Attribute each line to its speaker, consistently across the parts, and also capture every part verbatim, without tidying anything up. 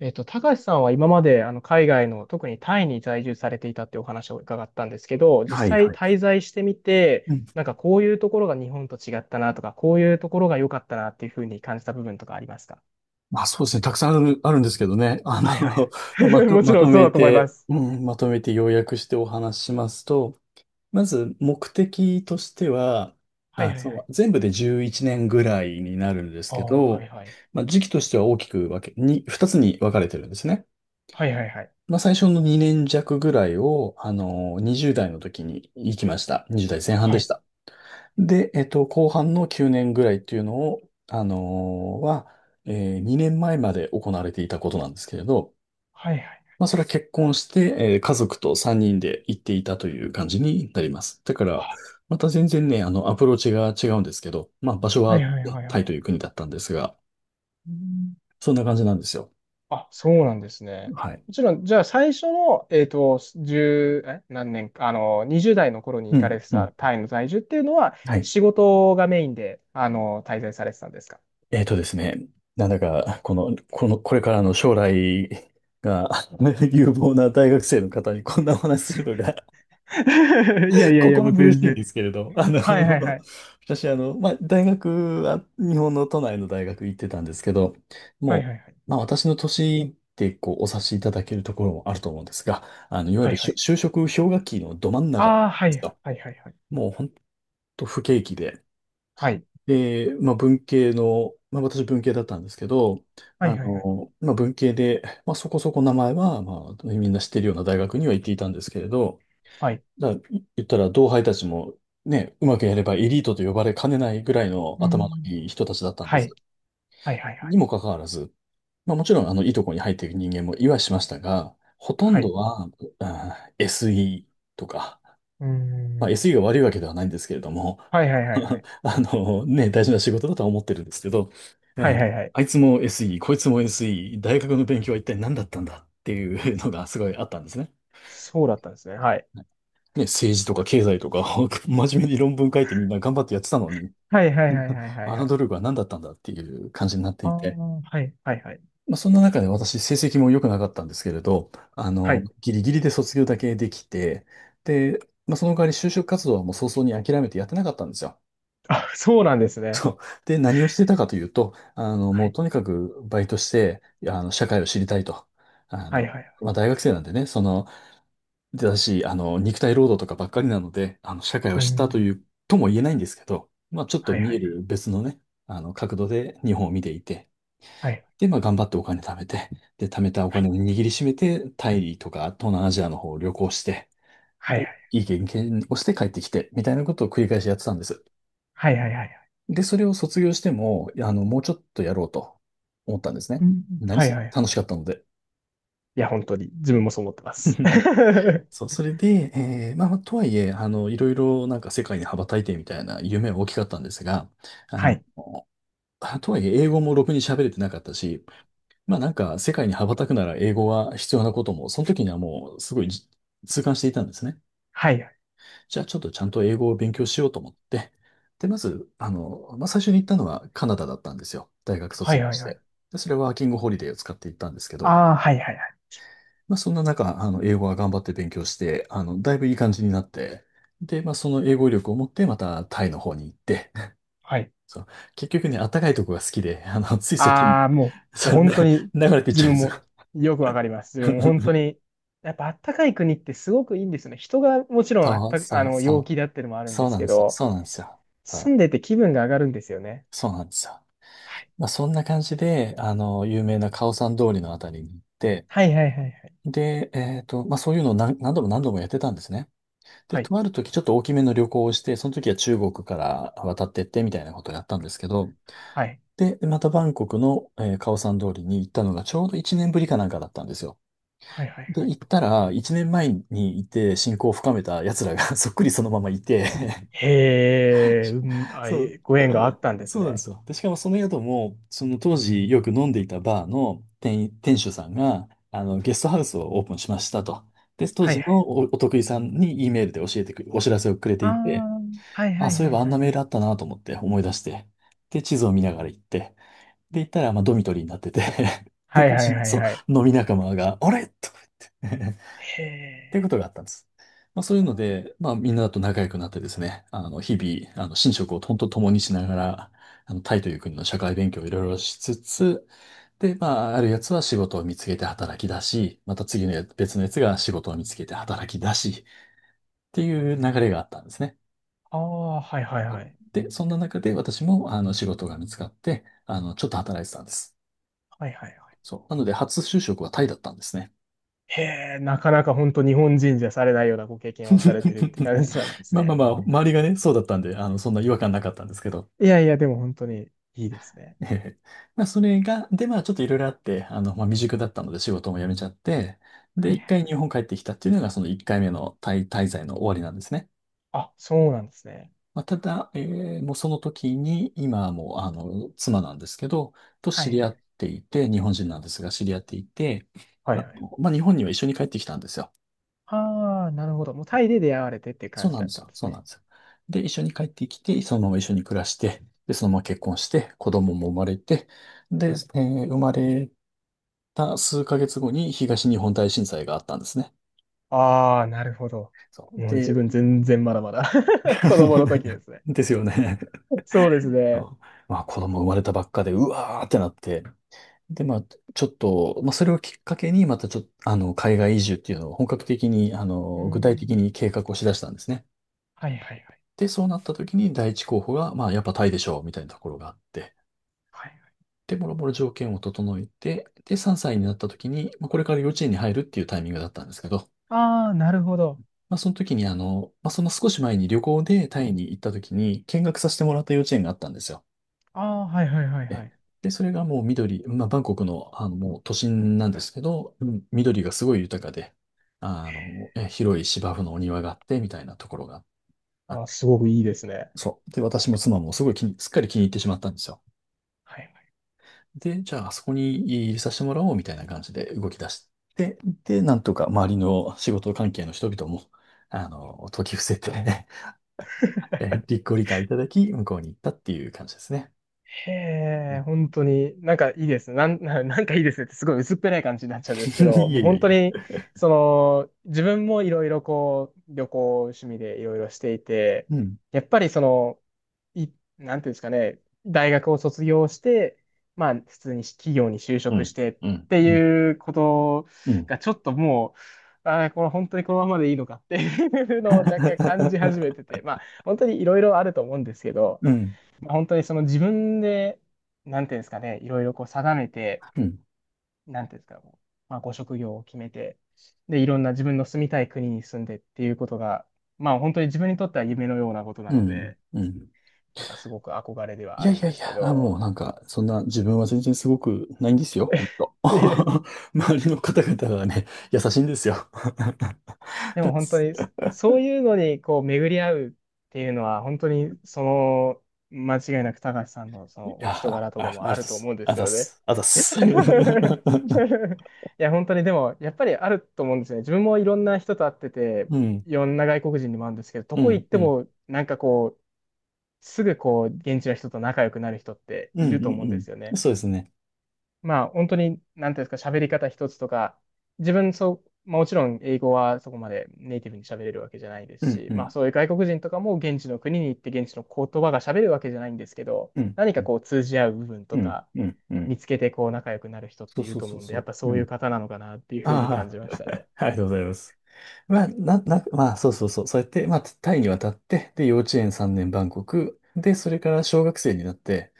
Speaker 1: えっと、高橋さんは今まであの海外の、特にタイに在住されていたっていうお話を伺ったんですけど、実
Speaker 2: はい
Speaker 1: 際
Speaker 2: はい。
Speaker 1: 滞在してみて、
Speaker 2: うん。
Speaker 1: なんかこういうところが日本と違ったなとか、こういうところが良かったなっていうふうに感じた部分とかありますか？
Speaker 2: まあそうですね。たくさんある、あるんですけどね。あの、
Speaker 1: はいはい
Speaker 2: ま
Speaker 1: はい。
Speaker 2: と、
Speaker 1: もち
Speaker 2: ま
Speaker 1: ろ
Speaker 2: と
Speaker 1: んそう
Speaker 2: め
Speaker 1: だと思いま
Speaker 2: て、
Speaker 1: す。
Speaker 2: うん、まとめて要約してお話ししますと、まず目的としては、
Speaker 1: はい
Speaker 2: あ、
Speaker 1: はいは
Speaker 2: そ
Speaker 1: い。
Speaker 2: う、全部でじゅういちねんぐらいになるんです
Speaker 1: あ
Speaker 2: け
Speaker 1: あ、は
Speaker 2: ど、
Speaker 1: いはい。
Speaker 2: まあ時期としては大きく分け、に、ふたつに分かれてるんですね。
Speaker 1: はいはいはい。
Speaker 2: まあ最初のにねん弱ぐらいを、あの、に代の時に行きました。に代前半で
Speaker 1: は
Speaker 2: し
Speaker 1: い。
Speaker 2: た。で、えっと、後半のきゅうねんぐらいっていうのを、あのーは、えにねんまえまえまで行われていたことなんですけれど、
Speaker 1: はいはい。
Speaker 2: まあ、それは結婚して、えー家族とさんにんで行っていたという感じになります。だから、また全然ね、あの、アプローチが違うんですけど、まあ、場所
Speaker 1: はい
Speaker 2: は
Speaker 1: はいはい
Speaker 2: タ
Speaker 1: は
Speaker 2: イ
Speaker 1: い。
Speaker 2: という国だったんですが、そんな感じなんですよ。
Speaker 1: あ、そうなんですね。
Speaker 2: はい。
Speaker 1: もちろん、じゃあ最初の、えっと、いちえ、何年か、あの、にじゅうだい代の頃に
Speaker 2: う
Speaker 1: 行か
Speaker 2: ん、
Speaker 1: れて
Speaker 2: う
Speaker 1: た
Speaker 2: ん。
Speaker 1: タイの在住っていうのは、
Speaker 2: はい。
Speaker 1: 仕事がメインで、あの、滞在されてたんですか？
Speaker 2: えっとですね、なんだか、この、この、これからの将来が 有望な大学生の方にこんなお話するのが
Speaker 1: いやいやいや、も
Speaker 2: 心
Speaker 1: う
Speaker 2: 苦
Speaker 1: 全
Speaker 2: しいん
Speaker 1: 然。
Speaker 2: ですけれど、あの、
Speaker 1: はいはいはい。
Speaker 2: 私、あの、まあ、大学は日本の都内の大学行ってたんですけど、
Speaker 1: はい
Speaker 2: も
Speaker 1: はいはい。
Speaker 2: う、まあ、私の年でこうお察しいただけるところもあると思うんですが、あの、いわゆ
Speaker 1: は
Speaker 2: る
Speaker 1: いは
Speaker 2: 就
Speaker 1: い。
Speaker 2: 就職氷河期のど真ん中なんで
Speaker 1: ああ、はい
Speaker 2: すと、
Speaker 1: はいはいはい。
Speaker 2: もう本当不景気で、
Speaker 1: はい。
Speaker 2: で、まあ、文系の、まあ、私文系だったんですけど、
Speaker 1: はい
Speaker 2: あ
Speaker 1: はいはい。
Speaker 2: の、まあ、文系で、まあ、そこそこ名前は、まあ、みんな知ってるような大学には行っていたんですけれど、
Speaker 1: はい。
Speaker 2: だから言ったら同輩たちもね、うまくやればエリートと呼ばれかねないぐらいの
Speaker 1: う
Speaker 2: 頭の
Speaker 1: ん。
Speaker 2: いい人たちだったん
Speaker 1: は
Speaker 2: で
Speaker 1: い。
Speaker 2: す。
Speaker 1: はいはいは
Speaker 2: に
Speaker 1: い。
Speaker 2: もかかわらず、まあもちろんあのいいとこに入っていく人間もいはしましたが、ほとん
Speaker 1: は
Speaker 2: ど
Speaker 1: い。
Speaker 2: は、あ エスイー とか、
Speaker 1: う
Speaker 2: まあ、
Speaker 1: ん。
Speaker 2: エスイー が悪いわけではないんですけれども、
Speaker 1: はいはいは いはい。
Speaker 2: あのね、大事な仕事だとは思ってるんですけど、う
Speaker 1: はい
Speaker 2: ん
Speaker 1: はいはい。
Speaker 2: あいつも エスイー、こいつも エスイー、大学の勉強は一体何だったんだっていうのがすごいあったんですね。
Speaker 1: そうだったんですね。はい。
Speaker 2: ね、政治とか経済とか 真面目に論文書いてみんな頑張ってやってたのに
Speaker 1: はいはい はいはいはい
Speaker 2: あ
Speaker 1: は
Speaker 2: の
Speaker 1: い。
Speaker 2: 努力は何だったんだっていう感じになって
Speaker 1: あ
Speaker 2: いて。
Speaker 1: あ、はいはいはい。
Speaker 2: まあ、そんな中で私成績も良くなかったんですけれど、あ
Speaker 1: は
Speaker 2: の、
Speaker 1: い。
Speaker 2: ギリギリで卒業だけできて、で、まあ、その代わり就職活動はもう早々に諦めてやってなかったんですよ。
Speaker 1: あ、そうなんですね。
Speaker 2: で、何をしてたかというと、あの、も
Speaker 1: は
Speaker 2: う
Speaker 1: い。
Speaker 2: とにかくバイトして、あの、社会を知りたいと。あ
Speaker 1: はい
Speaker 2: の、
Speaker 1: はいはい。
Speaker 2: まあ、大学生なんでね、その、だし、あの、肉体労働とかばっかりなので、あの、社会を
Speaker 1: う
Speaker 2: 知ったと
Speaker 1: ん。
Speaker 2: いう、とも言えないんですけど、まあ、ちょっと
Speaker 1: はいは
Speaker 2: 見え
Speaker 1: い。
Speaker 2: る別のね、あの、角度で日本を見ていて、
Speaker 1: はい。
Speaker 2: で、まあ、頑張ってお金貯めて、で、貯めたお金を
Speaker 1: は
Speaker 2: 握りしめて、タイとか東南アジアの方を旅行して、
Speaker 1: いは
Speaker 2: で、
Speaker 1: い。
Speaker 2: いい経験をして帰ってきて、みたいなことを繰り返しやってたんです。
Speaker 1: はいはいはいはい。
Speaker 2: で、それを卒業しても、あの、もうちょっとやろうと思ったんです
Speaker 1: う
Speaker 2: ね。
Speaker 1: ん。
Speaker 2: 何
Speaker 1: はい
Speaker 2: せ
Speaker 1: はいはい。
Speaker 2: 楽しかったので。
Speaker 1: いや、本当に、自分もそう思ってます。は
Speaker 2: そう、それで、えーまあ、まあとはいえ、あの、いろいろなんか世界に羽ばたいてみたいな夢は大きかったんですが、あの、
Speaker 1: い。
Speaker 2: あとはいえ英語もろくに喋れてなかったし、まあなんか世界に羽ばたくなら英語は必要なことも、その時にはもうすごいじ痛感していたんですね。
Speaker 1: はいはい。
Speaker 2: じゃあちょっとちゃんと英語を勉強しようと思って、で、まず、あの、まあ最初に行ったのはカナダだったんですよ。大学
Speaker 1: は
Speaker 2: 卒
Speaker 1: い
Speaker 2: 業
Speaker 1: はい
Speaker 2: し
Speaker 1: は
Speaker 2: て。
Speaker 1: い。
Speaker 2: で、それはワーキングホリデーを使って行ったんですけど、
Speaker 1: ああ、はいはいはい。
Speaker 2: まあ、そんな中、あの、英語は頑張って勉強して、あの、だいぶいい感じになって、で、まあ、その英語力を持って、またタイの方に行って、
Speaker 1: はい。
Speaker 2: そう、結局ね、あったかいとこが好きで、あの、ついそっちに、
Speaker 1: ああ、も う、もう
Speaker 2: そう、
Speaker 1: 本
Speaker 2: な
Speaker 1: 当に、
Speaker 2: 流れていっ
Speaker 1: 自
Speaker 2: ちゃうん
Speaker 1: 分
Speaker 2: ですよ。
Speaker 1: もよくわかります。自分も本 当に、やっぱあったかい国ってすごくいいんですよね。人がもちろんあっ
Speaker 2: そう、
Speaker 1: た、あ
Speaker 2: そう、
Speaker 1: の、陽
Speaker 2: そ
Speaker 1: 気だってのもあ
Speaker 2: う、
Speaker 1: るん
Speaker 2: そ
Speaker 1: で
Speaker 2: う
Speaker 1: す
Speaker 2: なん
Speaker 1: け
Speaker 2: ですよ、
Speaker 1: ど、
Speaker 2: そうなんですよ、そ
Speaker 1: 住
Speaker 2: う、
Speaker 1: んでて気分が上がるんですよね。
Speaker 2: そうなんですよ。
Speaker 1: はい。
Speaker 2: まあ、そんな感じで、あの、有名なカオさん通りのあたりに行って、
Speaker 1: はいはいはいはい。
Speaker 2: で、えっと、まあ、そういうのを何、何度も何度もやってたんですね。で、
Speaker 1: はい。
Speaker 2: 泊まるときちょっと大きめの旅行をして、その時は中国から渡ってってみたいなことをやったんですけど、
Speaker 1: はい
Speaker 2: で、またバンコクの、えーカオサン通りに行ったのがちょうどいちねんぶりかなんかだったんですよ。
Speaker 1: はいはい
Speaker 2: で、
Speaker 1: は
Speaker 2: 行
Speaker 1: い。
Speaker 2: ったら、いちねんまえにいて親交を深めた奴らが そっくりそのままいて
Speaker 1: へえ、うん、あ、
Speaker 2: そう、
Speaker 1: えご縁があったんです
Speaker 2: そうなんで
Speaker 1: ね。
Speaker 2: すよ。で、しかもその宿も、その当時よく飲んでいたバーの店、店主さんが、あの、ゲストハウスをオープンしましたと。で、当
Speaker 1: はい
Speaker 2: 時
Speaker 1: は
Speaker 2: の
Speaker 1: い。
Speaker 2: お、お得意さんに イーメールで教えてく、お知らせをくれて
Speaker 1: あ
Speaker 2: いて、
Speaker 1: あ、はい
Speaker 2: あ、
Speaker 1: はい
Speaker 2: そういえ
Speaker 1: はい
Speaker 2: ばあん
Speaker 1: は
Speaker 2: な
Speaker 1: い
Speaker 2: メー
Speaker 1: はい。
Speaker 2: ルあったなと思って思い出して。で、地図を見ながら行って。で、行ったら、まあ、ドミトリーになってて
Speaker 1: は
Speaker 2: で、
Speaker 1: いはいはい
Speaker 2: そう、
Speaker 1: はい。
Speaker 2: 飲み仲間が、あれとか言って っ
Speaker 1: へ
Speaker 2: ていうこ
Speaker 1: え。
Speaker 2: とがあったんです。まあ、そういうの
Speaker 1: あ
Speaker 2: で、まあ、みんなと仲良くなってですね、あの、日々、あの、寝食を本当共にしながら、あの、タイという国の社会勉強をいろいろしつつ、で、まあ、あるやつは仕事を見つけて働き出し、また次のや別のやつが仕事を見つけて働き出し、っていう流れがあったんですね。
Speaker 1: あー、はいはいはい。
Speaker 2: で、そんな中で私もあの仕事が見つかって、あの、ちょっと働いてたんです。
Speaker 1: はいはいはい。
Speaker 2: そう。なので、初就職はタイだったんですね。
Speaker 1: へえ、なかなか本当日本人じゃされないようなご経験をされてるって感じなんで す
Speaker 2: まあまあ
Speaker 1: ね。
Speaker 2: まあ、周りがね、そうだったんで、あの、そんな違和感なかったんですけど。
Speaker 1: いやいや、でも本当にいいですね。
Speaker 2: ええまあ、それが、で、まあ、ちょっといろいろあって、あの、まあ、未熟だったので仕事も辞めちゃって、
Speaker 1: は
Speaker 2: で、
Speaker 1: いは
Speaker 2: 一回日
Speaker 1: い。
Speaker 2: 本帰ってきたっていうのが、その一回目のタイ滞在の終わりなんですね。
Speaker 1: あ、そうなんですね。
Speaker 2: まあ、ただ、えーもうその時に、今はもう、あの、妻なんですけど、と
Speaker 1: は
Speaker 2: 知
Speaker 1: いは
Speaker 2: り
Speaker 1: い。
Speaker 2: 合っていて、日本人なんですが、知り合っていて、
Speaker 1: はい
Speaker 2: あ
Speaker 1: はい。
Speaker 2: の、まあ、日本には一緒に帰ってきたんですよ。
Speaker 1: ああ、なるほど。もうタイで出会われてっていう
Speaker 2: そ
Speaker 1: 感
Speaker 2: う
Speaker 1: じ
Speaker 2: なん
Speaker 1: だ
Speaker 2: で
Speaker 1: っ
Speaker 2: す
Speaker 1: たん
Speaker 2: よ。
Speaker 1: です
Speaker 2: そうなん
Speaker 1: ね。
Speaker 2: ですよ。で、一緒に帰ってきて、そのまま一緒に暮らして、で、そのまま結婚して、子供も生まれて、で、えー生まれた数ヶ月後に東日本大震災があったんですね。
Speaker 1: ああ、なるほど。
Speaker 2: そう。
Speaker 1: もう自
Speaker 2: で、
Speaker 1: 分全然まだまだ 子供の時です ね。
Speaker 2: ですよね。
Speaker 1: そうですね。
Speaker 2: そうまあ子供生まれたばっかで、うわーってなって、で、まあ、ちょっと、まあ、それをきっかけに、またちょっと、あの、海外移住っていうのを本格的に、あ
Speaker 1: う
Speaker 2: の、具体的
Speaker 1: ん。
Speaker 2: に計画をしだしたんですね。
Speaker 1: はいはいはい。
Speaker 2: で、そうなった時に第一候補が、まあ、やっぱタイでしょう、みたいなところがあって、
Speaker 1: はいはい。
Speaker 2: で、もろもろ条件を整えて、で、さんさいになった時に、まあ、これから幼稚園に入るっていうタイミングだったんですけど、
Speaker 1: ああ、なるほど。
Speaker 2: まあ、その時に、あの、まあ、その少し前に旅行でタイに行った時に見学させてもらった幼稚園があったんですよ。
Speaker 1: ああ、はいはいはいは
Speaker 2: え
Speaker 1: い。
Speaker 2: で、それがもう緑、まあ、バンコクの、あの、もう都心なんですけど、うん、緑がすごい豊かで、あの、え、広い芝生のお庭があって、みたいなところがあ
Speaker 1: あ
Speaker 2: っ
Speaker 1: あ、
Speaker 2: て、
Speaker 1: すごくいいですね。
Speaker 2: そう。で、私も妻もすごい気に、すっかり気に入ってしまったんですよ。
Speaker 1: はいはい、
Speaker 2: で、じゃあ、あそこに入れさせてもらおう、みたいな感じで動き出して、で、なんとか周りの仕事関係の人々も、あの、解き伏せて えご理解いただき、向こうに行ったっていう感じですね。
Speaker 1: へ
Speaker 2: う
Speaker 1: え、
Speaker 2: ん。
Speaker 1: 本当に、なんかいいです。なん、ななんかいいですねってすごい薄っぺらい感じになっちゃうんですけ ど、
Speaker 2: いや
Speaker 1: もう
Speaker 2: いや
Speaker 1: 本
Speaker 2: い
Speaker 1: 当
Speaker 2: や。
Speaker 1: に、その、自分もいろいろこう、旅行趣味でいろいろしていて、
Speaker 2: うん。
Speaker 1: やっぱりその、い、なんていうんですかね、大学を卒業して、まあ、普通に企業に就
Speaker 2: う
Speaker 1: 職し
Speaker 2: ん。
Speaker 1: てっ
Speaker 2: うん。
Speaker 1: て
Speaker 2: うん。
Speaker 1: いうこと
Speaker 2: うん、
Speaker 1: が、ちょっともう、ああ、これ本当にこのままでいいのかっていうのを若干感じ始めてて、まあ、本当にいろいろあると思うんですけど、
Speaker 2: うん、
Speaker 1: まあ、本当にその自分で、なんていうんですかね、いろいろこう定めて、
Speaker 2: うん、
Speaker 1: なんていうんですか、まあ、ご職業を決めて、で、いろんな自分の住みたい国に住んでっていうことが、まあ、本当に自分にとっては夢のようなことな
Speaker 2: う
Speaker 1: の
Speaker 2: ん、
Speaker 1: で、
Speaker 2: うん。
Speaker 1: なんかすごく憧れで
Speaker 2: い
Speaker 1: はあ
Speaker 2: や
Speaker 1: る
Speaker 2: い
Speaker 1: ん
Speaker 2: や
Speaker 1: で
Speaker 2: い
Speaker 1: すけ
Speaker 2: や。あ、もう
Speaker 1: ど、
Speaker 2: なんか、そんな自分は全然すごくないんですよ、ほんと。周りの方々がね、優しいんですよ。
Speaker 1: で
Speaker 2: だ
Speaker 1: も
Speaker 2: っ
Speaker 1: 本当
Speaker 2: す。
Speaker 1: にそそういうのにこう巡り合うっていうのは本当にその間違いなく高橋さんのそ
Speaker 2: い
Speaker 1: の
Speaker 2: や、
Speaker 1: お人
Speaker 2: あ、
Speaker 1: 柄とか
Speaker 2: あ、
Speaker 1: も
Speaker 2: あざ
Speaker 1: あ
Speaker 2: っ
Speaker 1: ると
Speaker 2: す、
Speaker 1: 思うんで
Speaker 2: あ
Speaker 1: す
Speaker 2: ざっ
Speaker 1: よね。
Speaker 2: す、あざっす。う
Speaker 1: いや本当にでもやっぱりあると思うんですよね。自分もいろんな人と会ってて
Speaker 2: ん、
Speaker 1: いろんな外国人にも会うんですけどど
Speaker 2: う
Speaker 1: こ行
Speaker 2: ん、
Speaker 1: っ
Speaker 2: うん、
Speaker 1: て
Speaker 2: うん、
Speaker 1: もなんかこうすぐこう現地の人と仲良くなる人って
Speaker 2: う
Speaker 1: い
Speaker 2: ん、
Speaker 1: ると思うんですよ
Speaker 2: うん。
Speaker 1: ね。
Speaker 2: そうですね。
Speaker 1: まあ、本当に、なんていうんですか、喋り方一つとか、自分、そう、まあ、もちろん英語はそこまでネイティブに喋れるわけじゃないで
Speaker 2: う
Speaker 1: す
Speaker 2: ん、
Speaker 1: し、
Speaker 2: う
Speaker 1: まあ、
Speaker 2: ん、
Speaker 1: そういう外国人とかも現地の国に行って現地の言葉が喋れるわけじゃないんですけど、
Speaker 2: うん、
Speaker 1: 何
Speaker 2: う
Speaker 1: か
Speaker 2: ん、
Speaker 1: こう通じ合う部分とか、
Speaker 2: うん、うん。
Speaker 1: 見つけてこう仲良くなる人っ
Speaker 2: そ
Speaker 1: て
Speaker 2: う
Speaker 1: いる
Speaker 2: そう
Speaker 1: と
Speaker 2: そ
Speaker 1: 思
Speaker 2: う
Speaker 1: うんで、
Speaker 2: そ
Speaker 1: やっ
Speaker 2: う。
Speaker 1: ぱそ
Speaker 2: う
Speaker 1: ういう
Speaker 2: ん。
Speaker 1: 方なのかなっていうふうに感
Speaker 2: あ
Speaker 1: じま
Speaker 2: あ、
Speaker 1: したね。
Speaker 2: ありがとうございます。まあ、な、な、まあ、そうそうそう。そうやって、まあ、タイに渡って、で、幼稚園さんねんバンコク、で、それから小学生になって、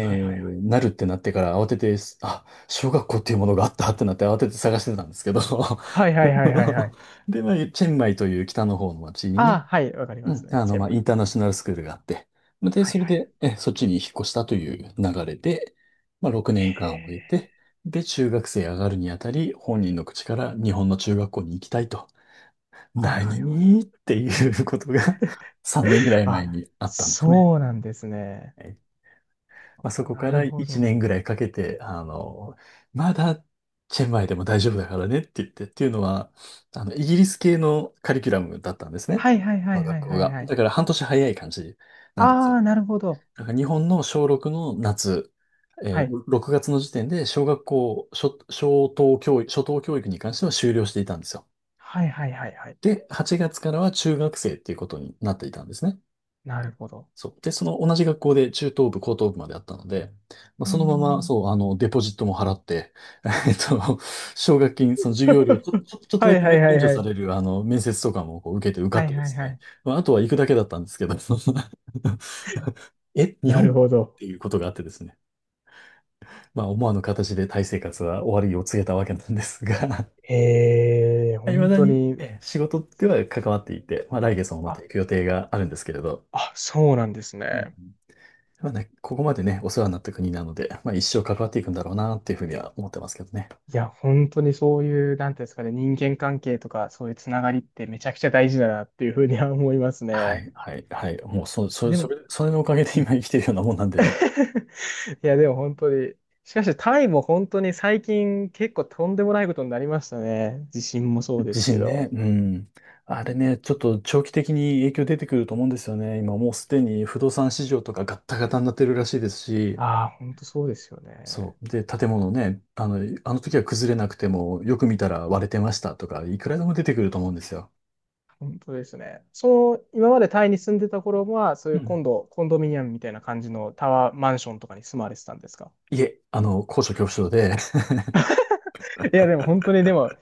Speaker 1: はいはいはい。
Speaker 2: ー、なるってなってから慌てて、あ、小学校っていうものがあったってなって慌てて探してたんですけど、
Speaker 1: はいはいはいはいはい。
Speaker 2: で、まあ、チェンマイという北の方の町
Speaker 1: あ
Speaker 2: に、
Speaker 1: あ、はい、わかり
Speaker 2: う
Speaker 1: ま
Speaker 2: ん、
Speaker 1: すね。
Speaker 2: あ
Speaker 1: チ
Speaker 2: の、
Speaker 1: ェ
Speaker 2: ま
Speaker 1: ン
Speaker 2: あ、
Speaker 1: マ
Speaker 2: イ
Speaker 1: イ。
Speaker 2: ンターナショナルスクールがあって、で、
Speaker 1: はい
Speaker 2: それ
Speaker 1: はい。
Speaker 2: で、え、そっちに引っ越したという流れで、まあ、6年
Speaker 1: へ
Speaker 2: 間を終え
Speaker 1: え。
Speaker 2: て、で、中学生上がるにあたり、本人の口から日本の中学校に行きたいと。
Speaker 1: はいはいは
Speaker 2: 何
Speaker 1: い。
Speaker 2: っていうことが さんねんぐらい前
Speaker 1: あ、
Speaker 2: にあったんですね。
Speaker 1: そうなんですね。
Speaker 2: はい。まあ、そ
Speaker 1: あ、
Speaker 2: こ
Speaker 1: な
Speaker 2: か
Speaker 1: る
Speaker 2: ら
Speaker 1: ほ
Speaker 2: 1
Speaker 1: ど。
Speaker 2: 年ぐらいかけて、あの、まだチェンマイでも大丈夫だからねって言って、っていうのは、あの、イギリス系のカリキュラムだったんですね。
Speaker 1: はいはいは
Speaker 2: 我
Speaker 1: い
Speaker 2: が
Speaker 1: は
Speaker 2: 学
Speaker 1: い
Speaker 2: 校
Speaker 1: はい
Speaker 2: が。
Speaker 1: はい。
Speaker 2: だから半年早い感じなんです
Speaker 1: あ
Speaker 2: よ。
Speaker 1: あ、なるほど。
Speaker 2: だから日本の小ろくの夏、え
Speaker 1: は
Speaker 2: ー
Speaker 1: い。
Speaker 2: ろくがつの時点で小学校、初、小等教育、初等教育に関しては終了していたんですよ。
Speaker 1: はいはいはいはい。
Speaker 2: で、はちがつからは中学生っていうことになっていたんですね。
Speaker 1: なるほど。
Speaker 2: そう。で、その同じ学校で中等部、高等部まであったので、まあ、
Speaker 1: うー
Speaker 2: そのまま、
Speaker 1: ん。
Speaker 2: そう、あの、デポジットも払って、えっと、奨学金、その授業料ちょ、ちょ、ちょっと
Speaker 1: は
Speaker 2: だ
Speaker 1: い
Speaker 2: け
Speaker 1: は
Speaker 2: 免
Speaker 1: いはい
Speaker 2: 除
Speaker 1: は
Speaker 2: さ
Speaker 1: い。
Speaker 2: れる、あの、面接とかもこう受けて受か
Speaker 1: は
Speaker 2: っ
Speaker 1: い
Speaker 2: たで
Speaker 1: はい
Speaker 2: す
Speaker 1: は
Speaker 2: ね。
Speaker 1: い。
Speaker 2: まあ、あとは行くだけだったんですけど、その え、日
Speaker 1: な
Speaker 2: 本っ
Speaker 1: るほど。
Speaker 2: ていうことがあってですね。まあ、思わぬ形でタイ生活は終わりを告げたわけなんですが、
Speaker 1: ええ、
Speaker 2: いま
Speaker 1: 本
Speaker 2: だ
Speaker 1: 当
Speaker 2: に
Speaker 1: に、
Speaker 2: ええ仕事では関わっていて、まあ、来月もまた
Speaker 1: あ、
Speaker 2: 行く予定があるんですけれど、
Speaker 1: あ、そうなんです
Speaker 2: うん、うん。
Speaker 1: ね。
Speaker 2: まあね、ここまでね、お世話になった国なので、まあ一生関わっていくんだろうなっていうふうには思ってますけどね。
Speaker 1: いや、本当にそういう、なんていうんですかね、人間関係とか、そういうつながりってめちゃくちゃ大事だなっていうふうには思います
Speaker 2: は
Speaker 1: ね。
Speaker 2: い、はい、はい。もうそ、そ、
Speaker 1: で
Speaker 2: そ
Speaker 1: も、
Speaker 2: れ、それのおかげで今生きてるようなもんなんでね。
Speaker 1: いや、でも本当に。しかし、タイも本当に最近結構とんでもないことになりましたね。地震もそうで
Speaker 2: 地
Speaker 1: すけ
Speaker 2: 震ね、
Speaker 1: ど。
Speaker 2: うん。あれね、ちょっと長期的に影響出てくると思うんですよね。今もうすでに不動産市場とかガッタガタになってるらしいですし、
Speaker 1: ああ、本当そうですよね。
Speaker 2: そう。で、建物ね、あの、あの時は崩れなくても、よく見たら割れてましたとか、いくらでも出てくると思うんですよ。
Speaker 1: 本当ですね。その、今までタイに住んでた頃は、そう
Speaker 2: う
Speaker 1: いう
Speaker 2: ん。
Speaker 1: 今度、コンドミニアムみたいな感じのタワーマンションとかに住まわれてたんですか？
Speaker 2: いえ、あの、高所恐怖症で、
Speaker 1: いや、でも本当に、でも、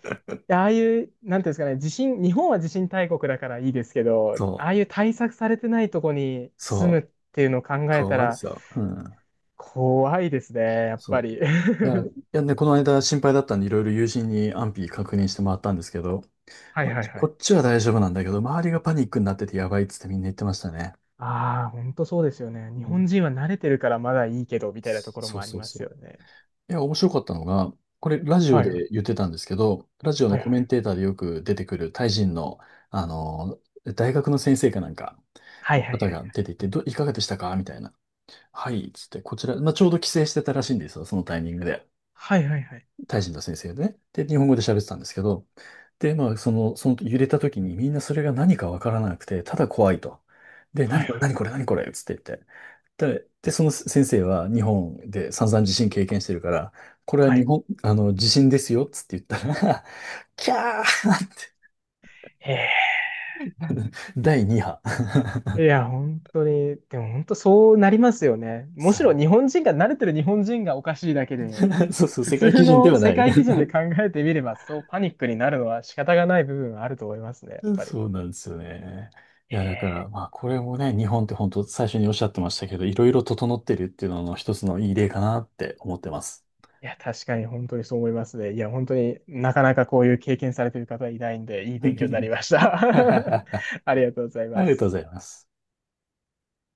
Speaker 1: いや、ああいう、なんていうんですかね、地震、日本は地震大国だからいいですけ ど、
Speaker 2: そ
Speaker 1: あ
Speaker 2: う。
Speaker 1: あいう対策されてないとこに住む
Speaker 2: そ
Speaker 1: っ
Speaker 2: う
Speaker 1: ていうのを考
Speaker 2: か
Speaker 1: えた
Speaker 2: わい
Speaker 1: ら、
Speaker 2: さ。うん。
Speaker 1: 怖いですね、やっ
Speaker 2: そ
Speaker 1: ぱ
Speaker 2: う。
Speaker 1: り。
Speaker 2: いや、いやね、この間心配だったんで、いろいろ友人に安否確認してもらったんですけど、
Speaker 1: はい
Speaker 2: ま
Speaker 1: はいは
Speaker 2: こ
Speaker 1: い。
Speaker 2: っちは大丈夫なんだけど、周りがパニックになっててやばいっつってみんな言ってましたね。
Speaker 1: ああ、本当そうですよね。
Speaker 2: う
Speaker 1: 日
Speaker 2: ん。
Speaker 1: 本人は慣れてるからまだいいけど、みたいなところ
Speaker 2: そ
Speaker 1: も
Speaker 2: う
Speaker 1: あり
Speaker 2: そう
Speaker 1: ます
Speaker 2: そう。
Speaker 1: よね。
Speaker 2: いや、面白かったのが、これラジオ
Speaker 1: はいはい。
Speaker 2: で言ってたんですけど、ラジオ
Speaker 1: は
Speaker 2: の
Speaker 1: い
Speaker 2: コ
Speaker 1: は
Speaker 2: メン
Speaker 1: い。
Speaker 2: テーターでよく出てくるタイ人の、あの、大学の先生かなんか、
Speaker 1: はいはい
Speaker 2: 方
Speaker 1: は
Speaker 2: が
Speaker 1: い。
Speaker 2: 出ていて、ど、いかがでしたかみたいな。はい、つって、こちら、まあ、ちょうど帰省してたらしいんですよ、そのタイミングで。
Speaker 1: はいはいはい。
Speaker 2: タイ人の先生でね。で、日本語で喋ってたんですけど、で、まあ、その、その揺れた時にみんなそれが何かわからなくて、ただ怖いと。で、
Speaker 1: は
Speaker 2: 何
Speaker 1: い
Speaker 2: これ、何これ、何これ、つって言って。で、で、その先生は日本で散々地震経験してるから、これは
Speaker 1: は
Speaker 2: 日
Speaker 1: い。
Speaker 2: 本、あの、地震ですよ、つって言ったら、キャーって、
Speaker 1: ええ
Speaker 2: だいになみ波。
Speaker 1: ー。いや、本当に、でも本当そうなりますよね。む
Speaker 2: そ
Speaker 1: しろ
Speaker 2: う。
Speaker 1: 日本人が慣れてる日本人がおかしいだけで、
Speaker 2: そうそう、
Speaker 1: 普
Speaker 2: 世界
Speaker 1: 通
Speaker 2: 基準で
Speaker 1: の
Speaker 2: はな
Speaker 1: 世
Speaker 2: い。
Speaker 1: 界基 準で考えてみれば、そうパニックになるのは仕方がない部分はあると思いますね、やっぱり。
Speaker 2: そうなんですよね。い
Speaker 1: へ
Speaker 2: や、だか
Speaker 1: え、
Speaker 2: ら、まあ、これもね、日本って本当最初におっしゃってましたけど、いろいろ整ってるっていうのの一つのいい例かなって思ってます。
Speaker 1: いや、確かに本当にそう思いますね。いや、本当になかなかこういう経験されてる方いないんで、いい勉強になりまし
Speaker 2: あ
Speaker 1: た。ありがとうござい
Speaker 2: り
Speaker 1: ま
Speaker 2: がとうご
Speaker 1: す。
Speaker 2: ざいます。